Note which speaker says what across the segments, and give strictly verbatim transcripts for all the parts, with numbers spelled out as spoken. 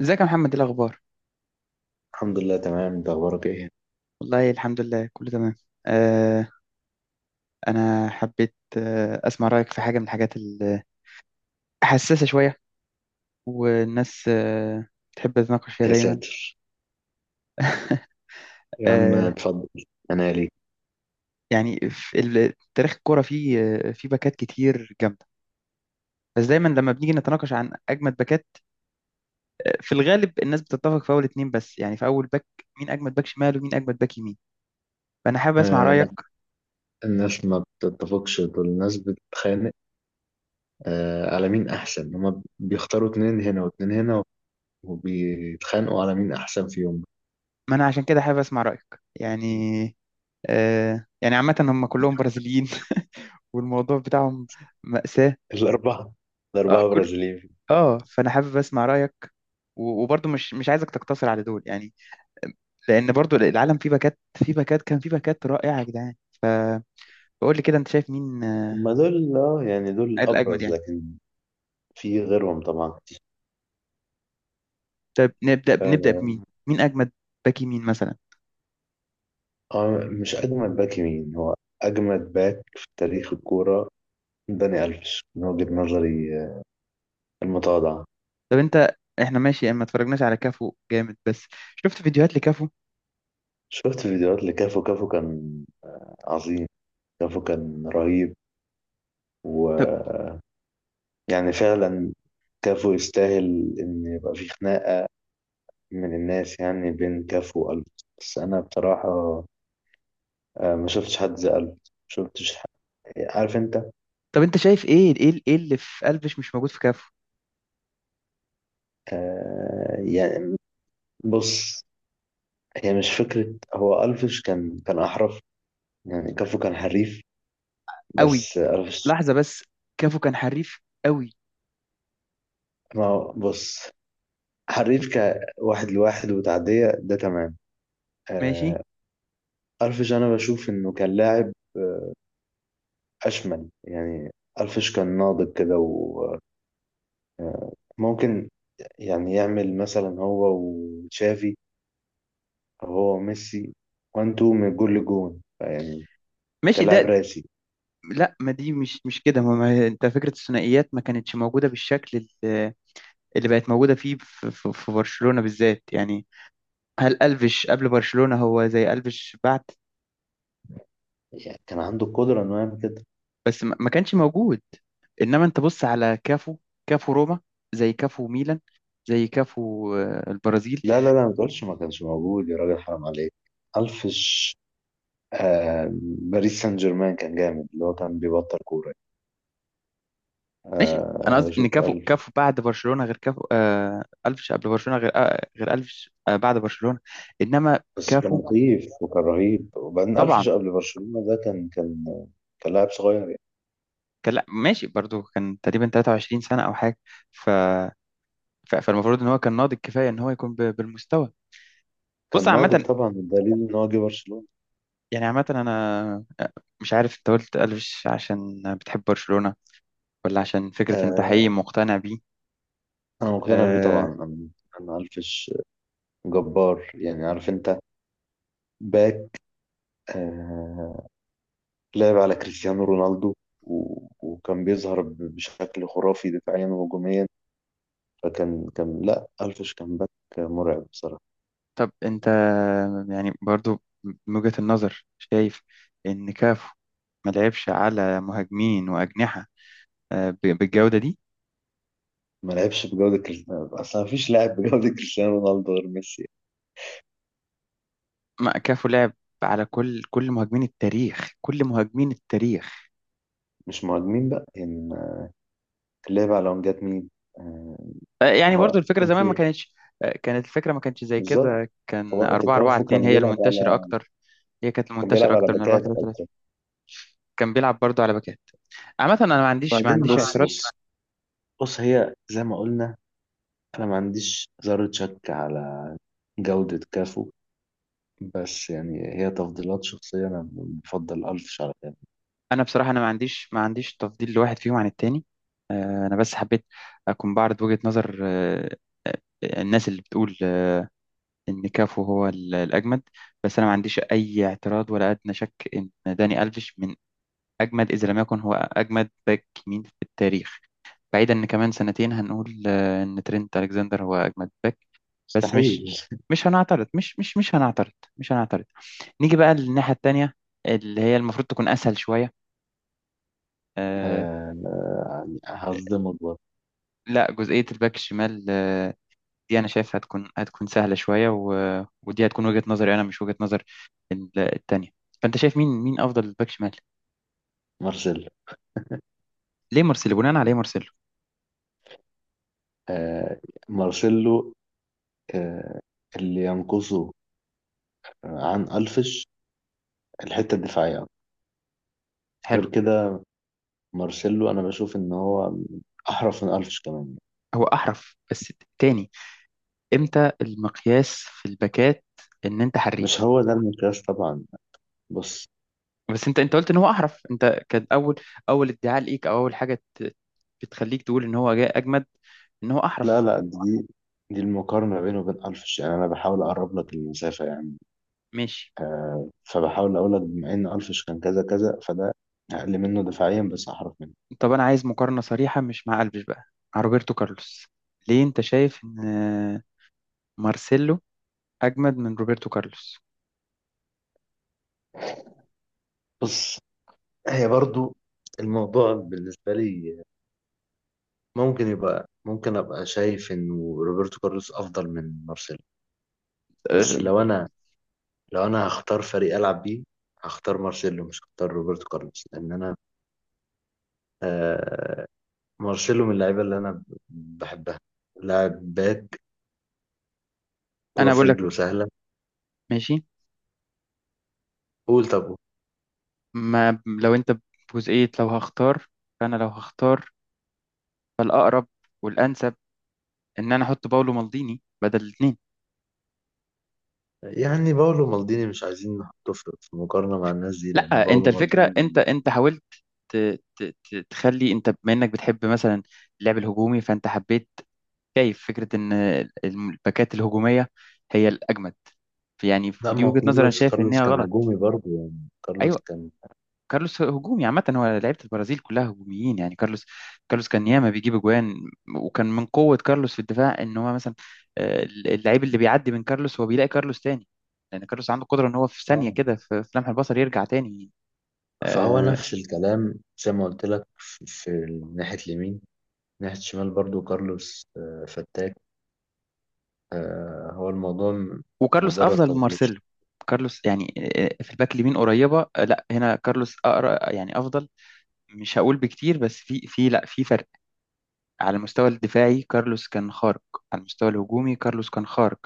Speaker 1: ازيك يا محمد، ايه الاخبار؟
Speaker 2: الحمد لله، تمام. انت اخبارك ايه؟
Speaker 1: والله الحمد لله، كله تمام. آه انا حبيت آه اسمع رايك في حاجه من الحاجات الحساسه شويه، والناس آه تحب تتناقش فيها
Speaker 2: يا
Speaker 1: دايما.
Speaker 2: ساتر. يا عم،
Speaker 1: آه
Speaker 2: اتفضل انا ليك.
Speaker 1: يعني في ال- تاريخ الكوره، فيه، آه، فيه باكات كتير جامده. بس دايما لما بنيجي نتناقش عن اجمد باكات، آه، في الغالب الناس بتتفق في اول اتنين، بس يعني في اول باك: مين اجمد باك شمال ومين اجمد باك يمين؟ فانا حابب اسمع
Speaker 2: آه،
Speaker 1: رايك.
Speaker 2: لا. الناس ما بتتفقش، دول الناس بتتخانق آه على مين احسن. هما بيختاروا اتنين هنا واتنين هنا، وبيتخانقوا على مين احسن فيهم.
Speaker 1: ما انا عشان كده حابب اسمع رايك. يعني آه يعني عامه هم كلهم برازيليين والموضوع بتاعهم مأساة.
Speaker 2: الاربعه.
Speaker 1: اه
Speaker 2: الاربعه
Speaker 1: كل،
Speaker 2: برازيليين.
Speaker 1: اه فانا حابب اسمع رأيك. و- وبرضه مش مش عايزك تقتصر على دول يعني، لان برضه العالم فيه باكات، فيه باكات، كان فيه باكات رائعة يا جدعان. فقول لي كده انت شايف مين، آه،
Speaker 2: هما دول اه يعني دول
Speaker 1: الاجمد
Speaker 2: ابرز،
Speaker 1: يعني.
Speaker 2: لكن في غيرهم طبعا كتير.
Speaker 1: طب نبدأ بنبدأ بمين؟
Speaker 2: آه
Speaker 1: مين اجمد باك يمين مثلا؟
Speaker 2: آه، مش اجمد باك يمين، هو اجمد باك في تاريخ الكوره. داني الفيش، من وجهه نظري آه، المتواضعه.
Speaker 1: طب انت، احنا ماشي، ما اتفرجناش على كافو جامد، بس شفت فيديوهات لكافو.
Speaker 2: شفت فيديوهات لكافو. كافو كان عظيم. كافو كان رهيب.
Speaker 1: طب،
Speaker 2: ويعني فعلا كافو يستاهل إن يبقى في خناقة من الناس، يعني بين كافو وقلب. بس أنا بصراحة آه، ما شفتش حد زي قلب، ما شفتش حد. عارف أنت.
Speaker 1: طب انت شايف ايه، ايه ايه اللي في قلبش مش موجود في كافو؟
Speaker 2: آه، يعني بص، هي مش فكرة. هو ألفش كان كان أحرف، يعني كافو كان حريف
Speaker 1: قوي،
Speaker 2: بس ألفش.
Speaker 1: لحظة بس، كافو كان حريف قوي؟
Speaker 2: ما هو- بص، حريف كواحد لواحد وتعدية، ده تمام.
Speaker 1: ماشي.
Speaker 2: آه، ألفيش أنا بشوف إنه كان لاعب آه، أشمل يعني. ألفيش كان ناضج كده، وممكن يعني يعمل مثلا هو وتشافي أو هو وميسي وان تو من جول لجون يعني.
Speaker 1: ماشي
Speaker 2: كان لاعب
Speaker 1: ده.
Speaker 2: راسي.
Speaker 1: لا، ما دي مش مش كده. ما ما- انت، فكره الثنائيات ما كانتش موجوده بالشكل ال- اللي بقت موجوده فيه في، في, في برشلونه بالذات يعني. هل الفيش قبل برشلونه هو زي الفيش بعد؟
Speaker 2: يعني كان عنده القدرة إنه يعمل كده.
Speaker 1: بس ما ما كانش موجود. انما انت بص على كافو، كافو روما زي كافو ميلان زي كافو آه، البرازيل.
Speaker 2: لا، لا، لا، ما تقولش ما كانش موجود يا راجل، حرام عليك. ألفيش آه باريس سان جيرمان كان جامد، اللي هو كان بيبطل كورة.
Speaker 1: ماشي،
Speaker 2: آه
Speaker 1: انا
Speaker 2: أنا
Speaker 1: قصدي ان
Speaker 2: بشوف.
Speaker 1: كافو، كافو بعد برشلونه غير كافو، آه الفيش قبل برشلونه غير آه غير الفيش آه بعد برشلونه. انما
Speaker 2: بس كان
Speaker 1: كافو
Speaker 2: مخيف وكان رهيب، وبعدين
Speaker 1: طبعا.
Speaker 2: ألفش قبل برشلونة ده كان كان كان لاعب صغير يعني.
Speaker 1: كان، لا ماشي، برضو كان تقريبا تلاتة وعشرين سنة أو حاجة، ف... ف... فالمفروض إن هو كان ناضج كفاية إن هو يكون ب... بالمستوى. بص
Speaker 2: كان ناضج
Speaker 1: عامة،
Speaker 2: طبعا، الدليل إن هو جه برشلونة.
Speaker 1: يعني عامة أنا مش عارف أنت قلت ألفش عشان بتحب برشلونة ولا عشان فكرة أنت
Speaker 2: آه
Speaker 1: حقيقي مقتنع بيه.
Speaker 2: أنا مقتنع بيه
Speaker 1: أه...
Speaker 2: طبعا أنا. أنا ألفش جبار يعني، عارف أنت. باك، آه لعب على كريستيانو رونالدو، و- وكان بيظهر ب- بشكل خرافي دفاعيا وهجوميا. فكان كان لا ألفش كان باك مرعب بصراحة.
Speaker 1: طب أنت، يعني برضو من وجهة النظر شايف إن كافو ما لعبش على مهاجمين وأجنحة أه... ب... بالجودة دي؟
Speaker 2: ما لعبش بجودة كريستيانو أصلا، مفيش لاعب بجودة كريستيانو رونالدو غير ميسي.
Speaker 1: ما كافو لعب على كل، كل مهاجمين التاريخ، كل مهاجمين التاريخ.
Speaker 2: مش مهاجمين بقى يعني، ليه بقى لو جت مين. آه،
Speaker 1: آه، يعني برضو
Speaker 2: هو
Speaker 1: الفكرة
Speaker 2: كان
Speaker 1: زمان ما
Speaker 2: في.
Speaker 1: كانتش، آه، كانت الفكرة ما كانتش زي
Speaker 2: بالظبط،
Speaker 1: كده،
Speaker 2: في
Speaker 1: كان
Speaker 2: وقت
Speaker 1: أربعة أربعة
Speaker 2: كافو
Speaker 1: اثنين
Speaker 2: كان
Speaker 1: هي
Speaker 2: بيلعب
Speaker 1: المنتشرة
Speaker 2: على
Speaker 1: أكتر. هي كانت
Speaker 2: كان
Speaker 1: المنتشرة
Speaker 2: بيلعب على
Speaker 1: أكتر من أربعة
Speaker 2: باكات
Speaker 1: ثلاثة ثلاثة.
Speaker 2: اكتر.
Speaker 1: كان بيلعب برضو على باكات. عامة أنا ما عنديش ما
Speaker 2: وبعدين
Speaker 1: عنديش
Speaker 2: بص،
Speaker 1: اعتراض.
Speaker 2: بص، بص، هي زي ما قلنا. انا ما عنديش ذرة شك على جودة كافو، بس يعني هي تفضيلات شخصية، انا بفضل الف شرط يعني.
Speaker 1: أنا بصراحة، أنا ما عنديش ما عنديش تفضيل لواحد فيهم عن التاني. آه، أنا بس حبيت أكون بعرض وجهة نظر، آه، آه، الناس اللي بتقول آه، إن كافو هو ال- الأجمد. بس أنا ما عنديش أي اعتراض ولا أدنى شك إن داني ألفيش من أجمد، إذا لم يكن هو أجمد باك يمين في التاريخ. بعيدا ان كمان سنتين هنقول آه، ان ترينت الكسندر هو اجمد باك. بس مش
Speaker 2: مستحيل.
Speaker 1: مش هنعترض، مش مش مش هنعترض. مش هنعترض. نيجي بقى للناحيه التانيه، اللي هي المفروض تكون اسهل شويه. آه
Speaker 2: آه، يعني هصدمك برضه.
Speaker 1: لا، جزئيه الباك الشمال آه دي انا شايف هتكون، هتكون سهله شويه، و... ودي هتكون وجهه نظري انا، مش وجهه نظر ال- التانيه. فانت شايف مين، مين افضل باك شمال؟
Speaker 2: مارسيلو.
Speaker 1: ليه مارسيلو؟ بناء عليه مارسيلو؟
Speaker 2: آه، مارسيلو، آه، اللي ينقصه عن الفش الحتة الدفاعية. غير
Speaker 1: حلو.
Speaker 2: كده، مارسيلو انا بشوف ان هو احرف من الفش كمان.
Speaker 1: هو احرف بس؟ تاني، امتى المقياس في الباكات ان انت
Speaker 2: مش
Speaker 1: حريف؟
Speaker 2: هو ده المقياس طبعا، بس.
Speaker 1: بس انت، انت قلت ان هو احرف، انت كان اول، اول ادعاء ليك، او اول حاجه ت- بتخليك تقول ان هو جاي اجمد، ان هو
Speaker 2: لا،
Speaker 1: احرف.
Speaker 2: لا، دي دي المقارنه بينه وبين الفش، يعني انا بحاول اقرب لك المسافه يعني.
Speaker 1: ماشي.
Speaker 2: آه فبحاول اقول لك، بما ان الفش كان كذا كذا، فده اقل منه دفاعيا بس احرف منه.
Speaker 1: طب انا عايز مقارنه صريحه، مش مع قلبش بقى، مع روبرتو كارلوس. ليه انت شايف ان مارسيلو اجمد من روبرتو كارلوس؟
Speaker 2: بص، هي برضو الموضوع بالنسبه لي، ممكن يبقى ممكن ابقى شايف انه روبرتو كارلوس افضل من مارسيلو. بس
Speaker 1: اه،
Speaker 2: لو انا لو انا هختار فريق العب بيه، هختار مارسيلو مش هختار روبرتو كارلوس، لان انا آه مارسيلو من اللعيبه اللي انا بحبها. لاعب باك، كرة
Speaker 1: انا
Speaker 2: في
Speaker 1: بقول لك.
Speaker 2: رجله سهله.
Speaker 1: ماشي.
Speaker 2: قول طب.
Speaker 1: ما لو انت، بجزئيه لو هختار، فانا لو هختار، فالاقرب والانسب ان انا احط باولو مالديني بدل الاثنين.
Speaker 2: يعني باولو مالديني مش عايزين نحطه في في مقارنه مع الناس دي، لان
Speaker 1: لا، انت
Speaker 2: باولو
Speaker 1: الفكره، انت
Speaker 2: مالديني.
Speaker 1: انت حاولت ت- ت- ت- تخلي، انت بما انك بتحب مثلا اللعب الهجومي، فانت حبيت، شايف فكره ان الباكات الهجوميه هي الاجمد يعني،
Speaker 2: لا،
Speaker 1: ودي
Speaker 2: ما هو
Speaker 1: وجهه نظر انا
Speaker 2: كارلوس.
Speaker 1: شايف
Speaker 2: كارلوس
Speaker 1: انها
Speaker 2: كان
Speaker 1: غلط.
Speaker 2: هجومي برضه، يعني كارلوس
Speaker 1: ايوه،
Speaker 2: كان.
Speaker 1: كارلوس هجومي، عامه هو لعيبه البرازيل كلها هجوميين يعني. كارلوس، كارلوس كان ياما بيجيب اجوان. وكان من قوه كارلوس في الدفاع ان هو مثلا، آه، اللعيب اللي بيعدي من كارلوس هو بيلاقي كارلوس تاني، لان كارلوس عنده قدره ان هو في ثانيه
Speaker 2: آه.
Speaker 1: كده، في في لمح البصر يرجع تاني.
Speaker 2: فهو
Speaker 1: آه،
Speaker 2: نفس الكلام، زي ما قلت لك في في ناحيه اليمين، ناحيه الشمال برضه كارلوس آه، فتاك. آه، هو الموضوع م-
Speaker 1: وكارلوس
Speaker 2: مجرد
Speaker 1: افضل من
Speaker 2: تفضيل.
Speaker 1: مارسيلو. كارلوس يعني آه، آه، في الباك اليمين قريبه، آه، لا هنا كارلوس اقرا يعني افضل. مش هقول بكتير، بس في، في لا في فرق. على المستوى الدفاعي كارلوس كان خارق. على المستوى الهجومي كارلوس كان خارق.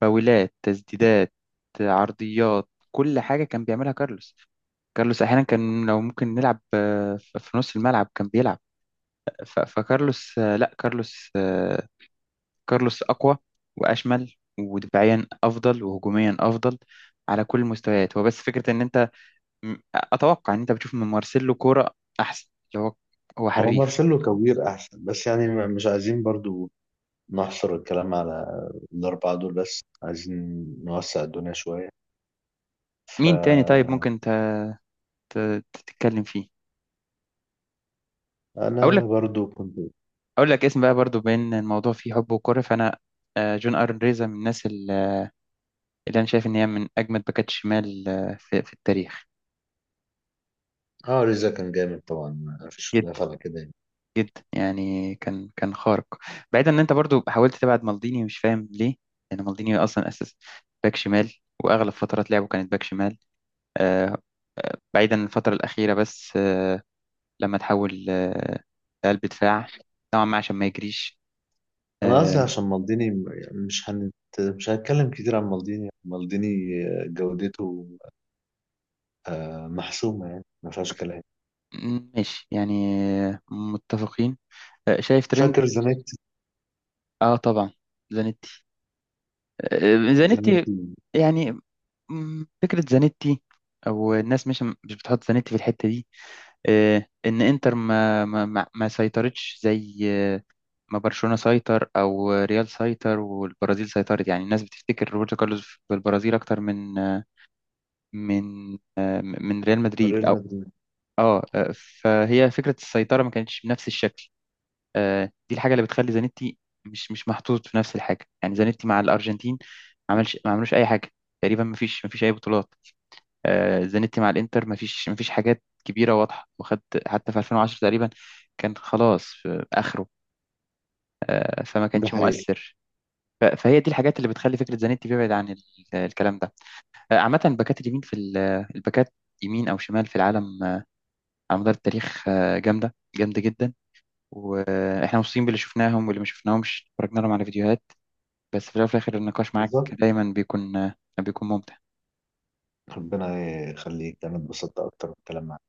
Speaker 1: فاولات، تسديدات، آه، عرضيات، كل حاجه كان بيعملها كارلوس. كارلوس احيانا كان لو ممكن نلعب آه، في في نص الملعب كان بيلعب. ف- فكارلوس، آه، لا كارلوس، آه، كارلوس أقوى وأشمل، ودفاعيا أفضل، وهجوميا أفضل، على كل المستويات. هو بس فكرة إن أنت، م- أتوقع إن أنت بتشوف من مارسيلو كورة أحسن، اللي هو، هو
Speaker 2: هو
Speaker 1: حريف.
Speaker 2: مارسيلو كوير احسن، بس يعني م- مش عايزين برضو نحصر الكلام على الأربعة دول بس، عايزين نوسع الدنيا شوية.
Speaker 1: مين تاني طيب
Speaker 2: فأنا
Speaker 1: ممكن أنت ت- تتكلم فيه؟ أقول لك،
Speaker 2: برضو كنت.
Speaker 1: أقول لك اسم بقى، برضو بين الموضوع فيه حب وكورة، فأنا، آه، جون أرن ريزا من الناس ال- اللي أنا شايف إن هي من أجمد باكات شمال آه، في في التاريخ.
Speaker 2: اه ريزا كان جامد طبعا، مفيش خلاف
Speaker 1: جدا.
Speaker 2: على كده يعني.
Speaker 1: جدا يعني، كان، كان خارق. بعيدا ان انت برضو حاولت تبعد مالديني، مش فاهم ليه، لان مالديني اصلا اساس باك شمال، واغلب فترات لعبه كانت باك شمال. آه، آه، بعيدا عن الفتره الاخيره بس، آه، لما تحول آه، لقلب دفاع نوعا ما عشان ما يجريش.
Speaker 2: أنا
Speaker 1: آه،
Speaker 2: قصدي عشان مالديني، يعني مش هنت... مش هنتكلم كتير عن مالديني. مالديني جودته آه، محسومة، يعني ما فيهاش كلام.
Speaker 1: م- ماشي يعني، آه، متفقين. آه، شايف ترند.
Speaker 2: فاكر زانيتي؟
Speaker 1: اه طبعا زانيتي. آه، زانيتي
Speaker 2: زانيتي.
Speaker 1: يعني، م، فكره زانيتي، او الناس مش مش بتحط زانيتي في الحته دي، آه، ان انتر ما ما ما ما سيطرتش زي آه، ما برشلونة سيطر او ريال سيطر والبرازيل سيطرت. يعني الناس بتفتكر روبرتو كارلوس بالبرازيل اكتر من، آه، من آه، من ريال مدريد
Speaker 2: ريال
Speaker 1: او...
Speaker 2: مدريد.
Speaker 1: اه، آه، فهي فكرة السيطرة ما كانتش بنفس الشكل. آه، دي الحاجة اللي بتخلي زانيتي مش مش محطوط في نفس الحاجة. يعني زانيتي مع الارجنتين ما عملش، ما عملوش اي حاجة تقريبا، ما فيش ما فيش اي بطولات. آه، زانيتي مع الانتر مفيش مفيش حاجات كبيره واضحه، وخد حتى في الفين وعشرة تقريبا كان خلاص في اخره. آه، فما
Speaker 2: ده
Speaker 1: كانش
Speaker 2: حقيقي.
Speaker 1: مؤثر. ف- فهي دي الحاجات اللي بتخلي فكره زانيتي بيبعد عن ال- الكلام ده. آه، عامه الباكات اليمين في ال- الباكات يمين او شمال في العالم آه، على مدار التاريخ آه، جامده، جامده جدا. واحنا مبسوطين باللي شفناهم، واللي ما شفناهم اتفرجنا لهم على فيديوهات. بس في الاول وفي الاخر، النقاش معاك
Speaker 2: بالظبط.
Speaker 1: دايما بيكون، آه، بيكون ممتع.
Speaker 2: ربنا يخليك، أنا اتبسطت أكتر بالكلام معاك.